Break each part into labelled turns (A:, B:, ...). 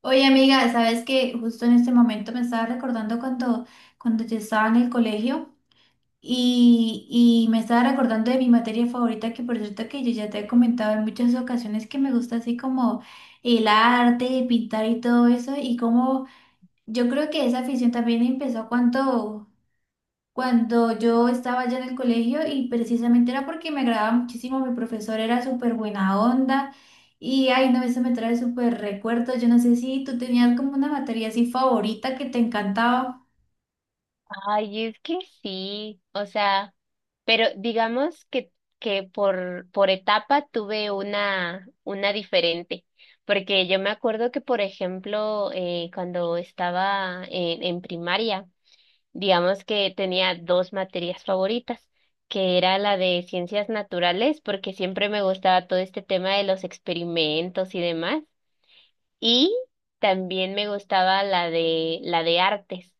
A: Oye, amiga, sabes que justo en este momento me estaba recordando cuando yo estaba en el colegio y me estaba recordando de mi materia favorita, que por cierto que yo ya te he comentado en muchas ocasiones que me gusta así como el arte, pintar y todo eso, y como yo creo que esa afición también empezó cuando yo estaba ya en el colegio y precisamente era porque me agradaba muchísimo, mi profesor era súper buena onda y ay no, eso me trae súper recuerdos, yo no sé si tú tenías como una materia así favorita que te encantaba.
B: Ay, es que sí, o sea, pero digamos que, que por etapa tuve una diferente, porque yo me acuerdo que, por ejemplo, cuando estaba en primaria, digamos que tenía dos materias favoritas, que era la de ciencias naturales, porque siempre me gustaba todo este tema de los experimentos y demás. Y también me gustaba la de artes,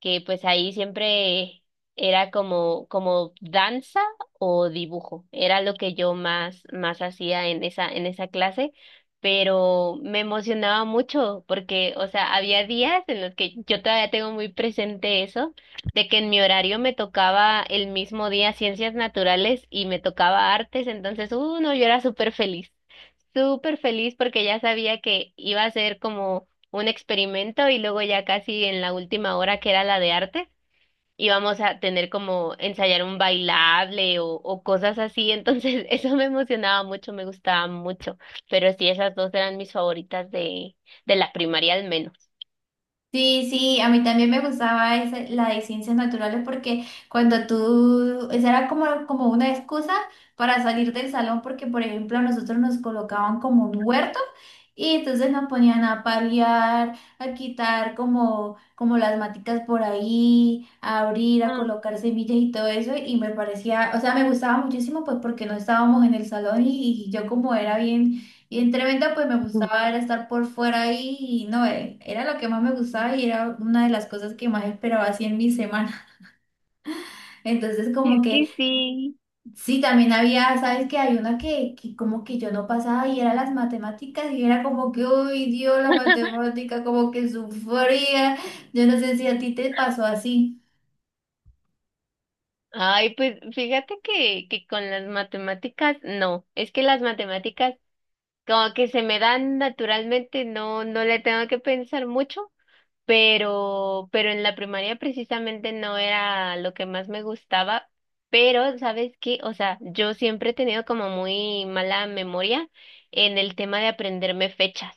B: que pues ahí siempre era como danza o dibujo. Era lo que yo más hacía en esa clase, pero me emocionaba mucho porque, o sea, había días en los que yo todavía tengo muy presente eso, de que en mi horario me tocaba el mismo día ciencias naturales y me tocaba artes, entonces, uno, yo era súper feliz porque ya sabía que iba a ser como un experimento y luego ya casi en la última hora que era la de arte íbamos a tener como ensayar un bailable o cosas así, entonces eso me emocionaba mucho, me gustaba mucho, pero sí, esas dos eran mis favoritas de la primaria al menos.
A: Sí, sí, a mí también me gustaba la de ciencias naturales porque cuando tú, esa era como, como una excusa para salir del salón porque, por ejemplo, a nosotros nos colocaban como un huerto y entonces nos ponían a paliar, a quitar como las maticas por ahí, a abrir, a
B: Ah,
A: colocar semillas y todo eso y me parecía, o sea, me gustaba muchísimo pues porque no estábamos en el salón y yo como era bien y en Tremenda pues me gustaba era estar por fuera ahí y no, era lo que más me gustaba y era una de las cosas que más esperaba así en mi semana. Entonces como
B: es que
A: que
B: sí.
A: sí, también había, sabes que hay una que como que yo no pasaba y era las matemáticas y era como que, uy, Dios, la matemática como que sufría. Yo no sé si a ti te pasó así.
B: Ay, pues fíjate que con las matemáticas, no, es que las matemáticas como que se me dan naturalmente, no, no le tengo que pensar mucho, pero en la primaria precisamente no era lo que más me gustaba, pero ¿sabes qué? O sea, yo siempre he tenido como muy mala memoria en el tema de aprenderme fechas.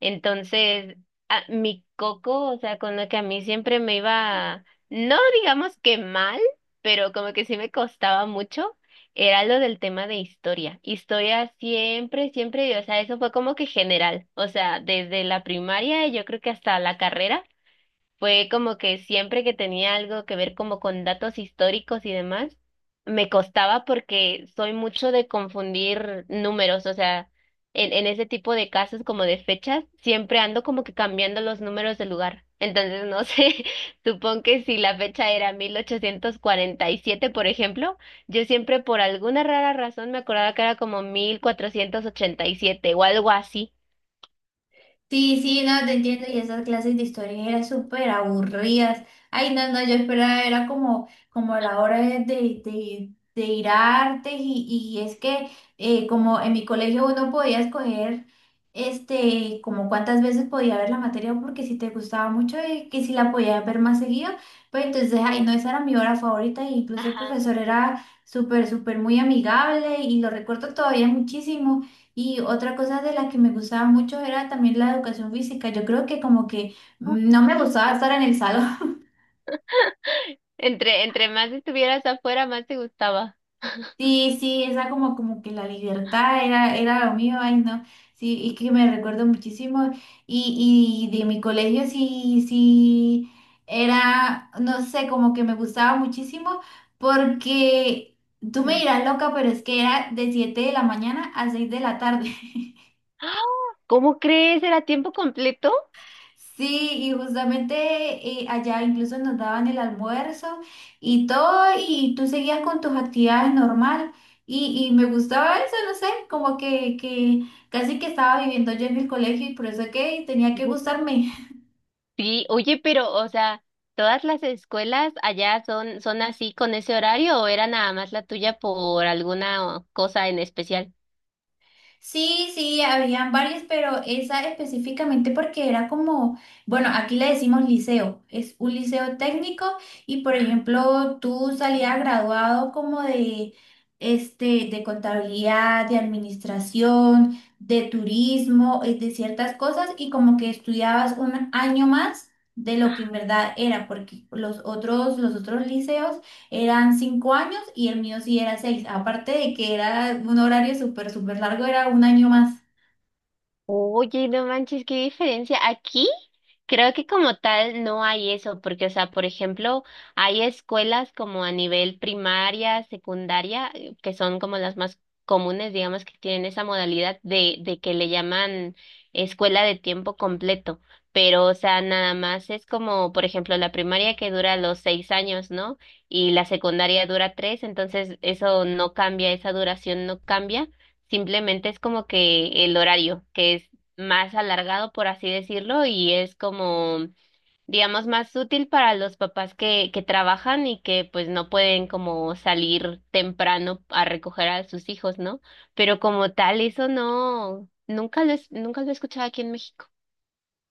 B: Entonces, mi coco, o sea, con lo que a mí siempre me iba, no digamos que mal, pero como que sí me costaba mucho era lo del tema de historia. Historia siempre, siempre, o sea, eso fue como que general, o sea, desde la primaria, yo creo que hasta la carrera. Fue como que siempre que tenía algo que ver como con datos históricos y demás, me costaba porque soy mucho de confundir números, o sea, en ese tipo de casos como de fechas, siempre ando como que cambiando los números de lugar. Entonces, no sé, supongo que si la fecha era 1847, por ejemplo, yo siempre por alguna rara razón me acordaba que era como 1487 o algo así.
A: Sí, sí, no, te entiendo. Y esas clases de historia eran súper aburridas. Ay, no, no, yo esperaba, era como, como la hora de ir a artes y es que como en mi colegio uno podía escoger este, como cuántas veces podía ver la materia porque si te gustaba mucho y que si la podías ver más seguido, pues entonces, ay, no, esa era mi hora favorita e incluso el
B: Ajá.
A: profesor era súper, súper muy amigable y lo recuerdo todavía muchísimo. Y otra cosa de la que me gustaba mucho era también la educación física. Yo creo que como que no me gustaba estar en el salón.
B: Entre más estuvieras afuera, más te gustaba.
A: Sí, sí, esa como, como que la libertad era, era lo mío, ay no. Sí, y que me recuerdo muchísimo. Y de mi colegio sí, sí, era, no sé, como que me gustaba muchísimo porque tú me dirás loca, pero es que era de 7 de la mañana a 6 de la tarde.
B: ¡Ah! ¿Cómo crees? ¿Era tiempo completo?
A: Sí, y justamente allá incluso nos daban el almuerzo y todo, y tú seguías con tus actividades normal. Y me gustaba eso, no sé, como que casi que estaba viviendo yo en el colegio y por eso que tenía que
B: Ujú.
A: gustarme.
B: Sí, oye, pero, o sea, ¿todas las escuelas allá son, son así con ese horario o era nada más la tuya por alguna cosa en especial?
A: Sí, sí, habían varias, pero esa específicamente porque era como, bueno, aquí le decimos liceo, es un liceo técnico y por ejemplo tú salías graduado como de, este, de contabilidad, de administración, de turismo, de ciertas cosas y como que estudiabas un año más de lo que en verdad era, porque los otros liceos eran 5 años y el mío sí era 6. Aparte de que era un horario súper, súper largo, era un año más.
B: Oye, no manches, qué diferencia. Aquí creo que como tal no hay eso, porque, o sea, por ejemplo, hay escuelas como a nivel primaria, secundaria, que son como las más comunes, digamos, que tienen esa modalidad de que le llaman escuela de tiempo completo. Pero, o sea, nada más es como, por ejemplo, la primaria que dura los 6 años, ¿no? Y la secundaria dura tres, entonces eso no cambia, esa duración no cambia. Simplemente es como que el horario, que es más alargado, por así decirlo, y es como, digamos, más útil para los papás que trabajan y que pues no pueden como salir temprano a recoger a sus hijos, ¿no? Pero como tal, eso no, nunca lo, nunca lo he escuchado aquí en México.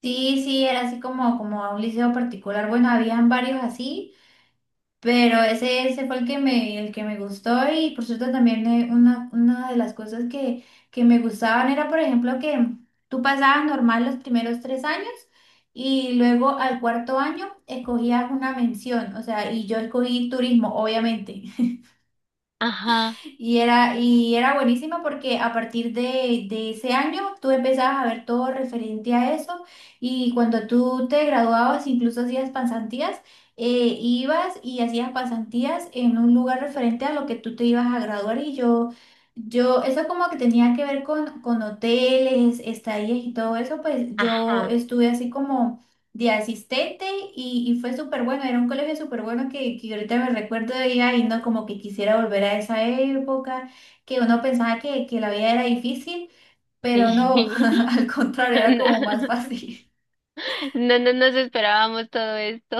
A: Sí, sí, era así como, como a un liceo particular. Bueno, habían varios así, pero ese fue el que me gustó y por cierto también una de las cosas que me gustaban era, por ejemplo, que tú pasabas normal los primeros 3 años y luego al cuarto año escogías una mención, o sea, y yo escogí turismo, obviamente.
B: Ajá,
A: Y era buenísima porque a partir de ese año tú empezabas a ver todo referente a eso y cuando tú te graduabas, incluso hacías pasantías, ibas y hacías pasantías en un lugar referente a lo que tú te ibas a graduar y eso como que tenía que ver con hoteles, estadías y todo eso, pues yo
B: ajá,
A: estuve así como de asistente y fue súper bueno, era un colegio súper bueno que ahorita me recuerdo de ella y no como que quisiera volver a esa época, que uno pensaba que la vida era difícil, pero no,
B: sí.
A: al contrario, era como más fácil.
B: No, no, no nos esperábamos todo esto.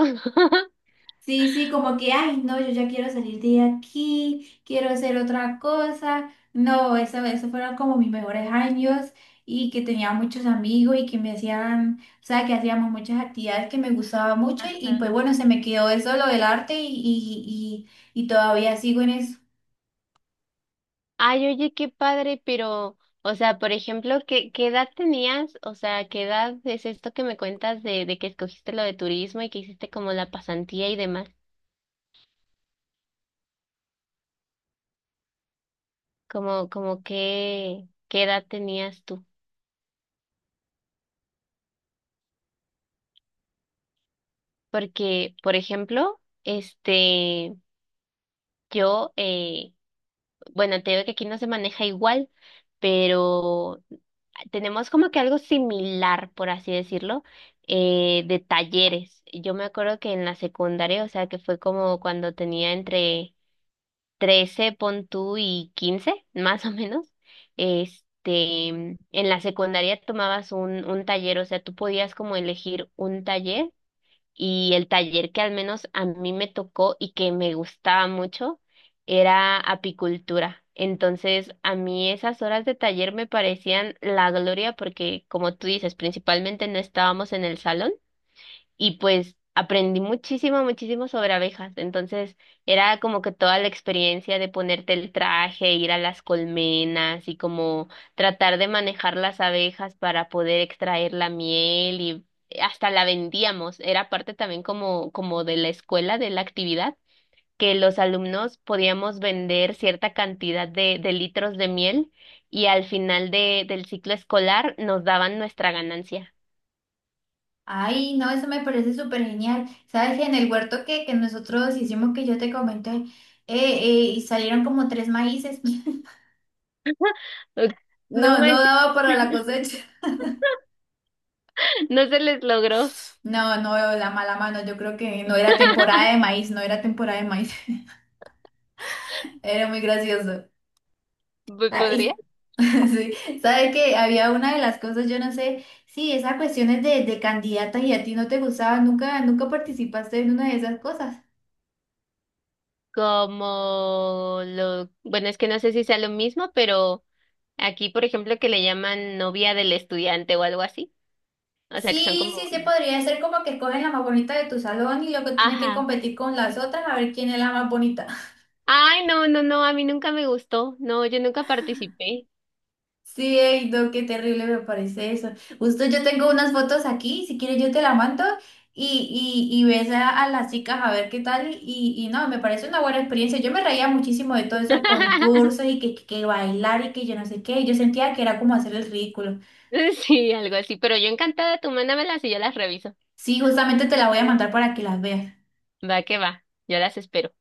A: Sí, sí, como que, ay, no, yo ya quiero salir de aquí, quiero hacer otra cosa. No, eso fueron como mis mejores años y que tenía muchos amigos y que me hacían, o sea, que hacíamos muchas actividades que me gustaba mucho y pues bueno, se me quedó eso, lo del arte y todavía sigo en eso.
B: Ay, oye, qué padre, pero, o sea, por ejemplo, ¿qué, qué edad tenías? O sea, ¿qué edad es esto que me cuentas de que escogiste lo de turismo y que hiciste como la pasantía y demás? Como qué, qué edad tenías tú? Porque, por ejemplo, este, yo, bueno, te digo que aquí no se maneja igual, pero tenemos como que algo similar, por así decirlo, de talleres. Yo me acuerdo que en la secundaria, o sea, que fue como cuando tenía entre 13, pon tú, y 15 más o menos, este, en la secundaria tomabas un taller, o sea, tú podías como elegir un taller y el taller que al menos a mí me tocó y que me gustaba mucho era apicultura. Entonces, a mí esas horas de taller me parecían la gloria porque, como tú dices, principalmente no estábamos en el salón y pues aprendí muchísimo, muchísimo sobre abejas. Entonces era como que toda la experiencia de ponerte el traje, ir a las colmenas y como tratar de manejar las abejas para poder extraer la miel y hasta la vendíamos. Era parte también como, como de la escuela, de la actividad, que los alumnos podíamos vender cierta cantidad de litros de miel. Y al final del ciclo escolar nos daban nuestra ganancia.
A: Ay, no, eso me parece súper genial. Sabes, que en el huerto que nosotros hicimos, que yo te comenté, y salieron como tres maíces.
B: No
A: No, no
B: manches.
A: daba para la cosecha.
B: No se les logró.
A: No, no veo la mala mano. Yo creo que no era temporada de maíz, no era temporada de maíz. Era muy gracioso.
B: Pues,
A: Ah,
B: ¿podría?
A: y- Sí, sabe que había una de las cosas, yo no sé, sí, esas cuestiones de candidatas y a ti no te gustaba, nunca, nunca participaste en una de esas cosas.
B: Bueno, es que no sé si sea lo mismo, pero aquí, por ejemplo, que le llaman novia del estudiante o algo así. O sea, que son
A: Sí, sí,
B: como,
A: se podría hacer como que escogen la más bonita de tu salón y luego tienes que
B: ajá.
A: competir con las otras a ver quién es la más bonita.
B: Ay, no, no, no, a mí nunca me gustó. No, yo nunca participé.
A: Sí, ey, no, qué terrible me parece eso. Justo yo tengo unas fotos aquí, si quieres yo te la mando y ves a, las chicas a ver qué tal y no, me parece una buena experiencia. Yo me reía muchísimo de todos esos concursos y que bailar y que yo no sé qué, yo sentía que era como hacer el ridículo.
B: Sí, algo así, pero yo encantada, tú mándamelas y yo las reviso.
A: Sí, justamente te la voy a mandar para que las veas.
B: Va que va, yo las espero.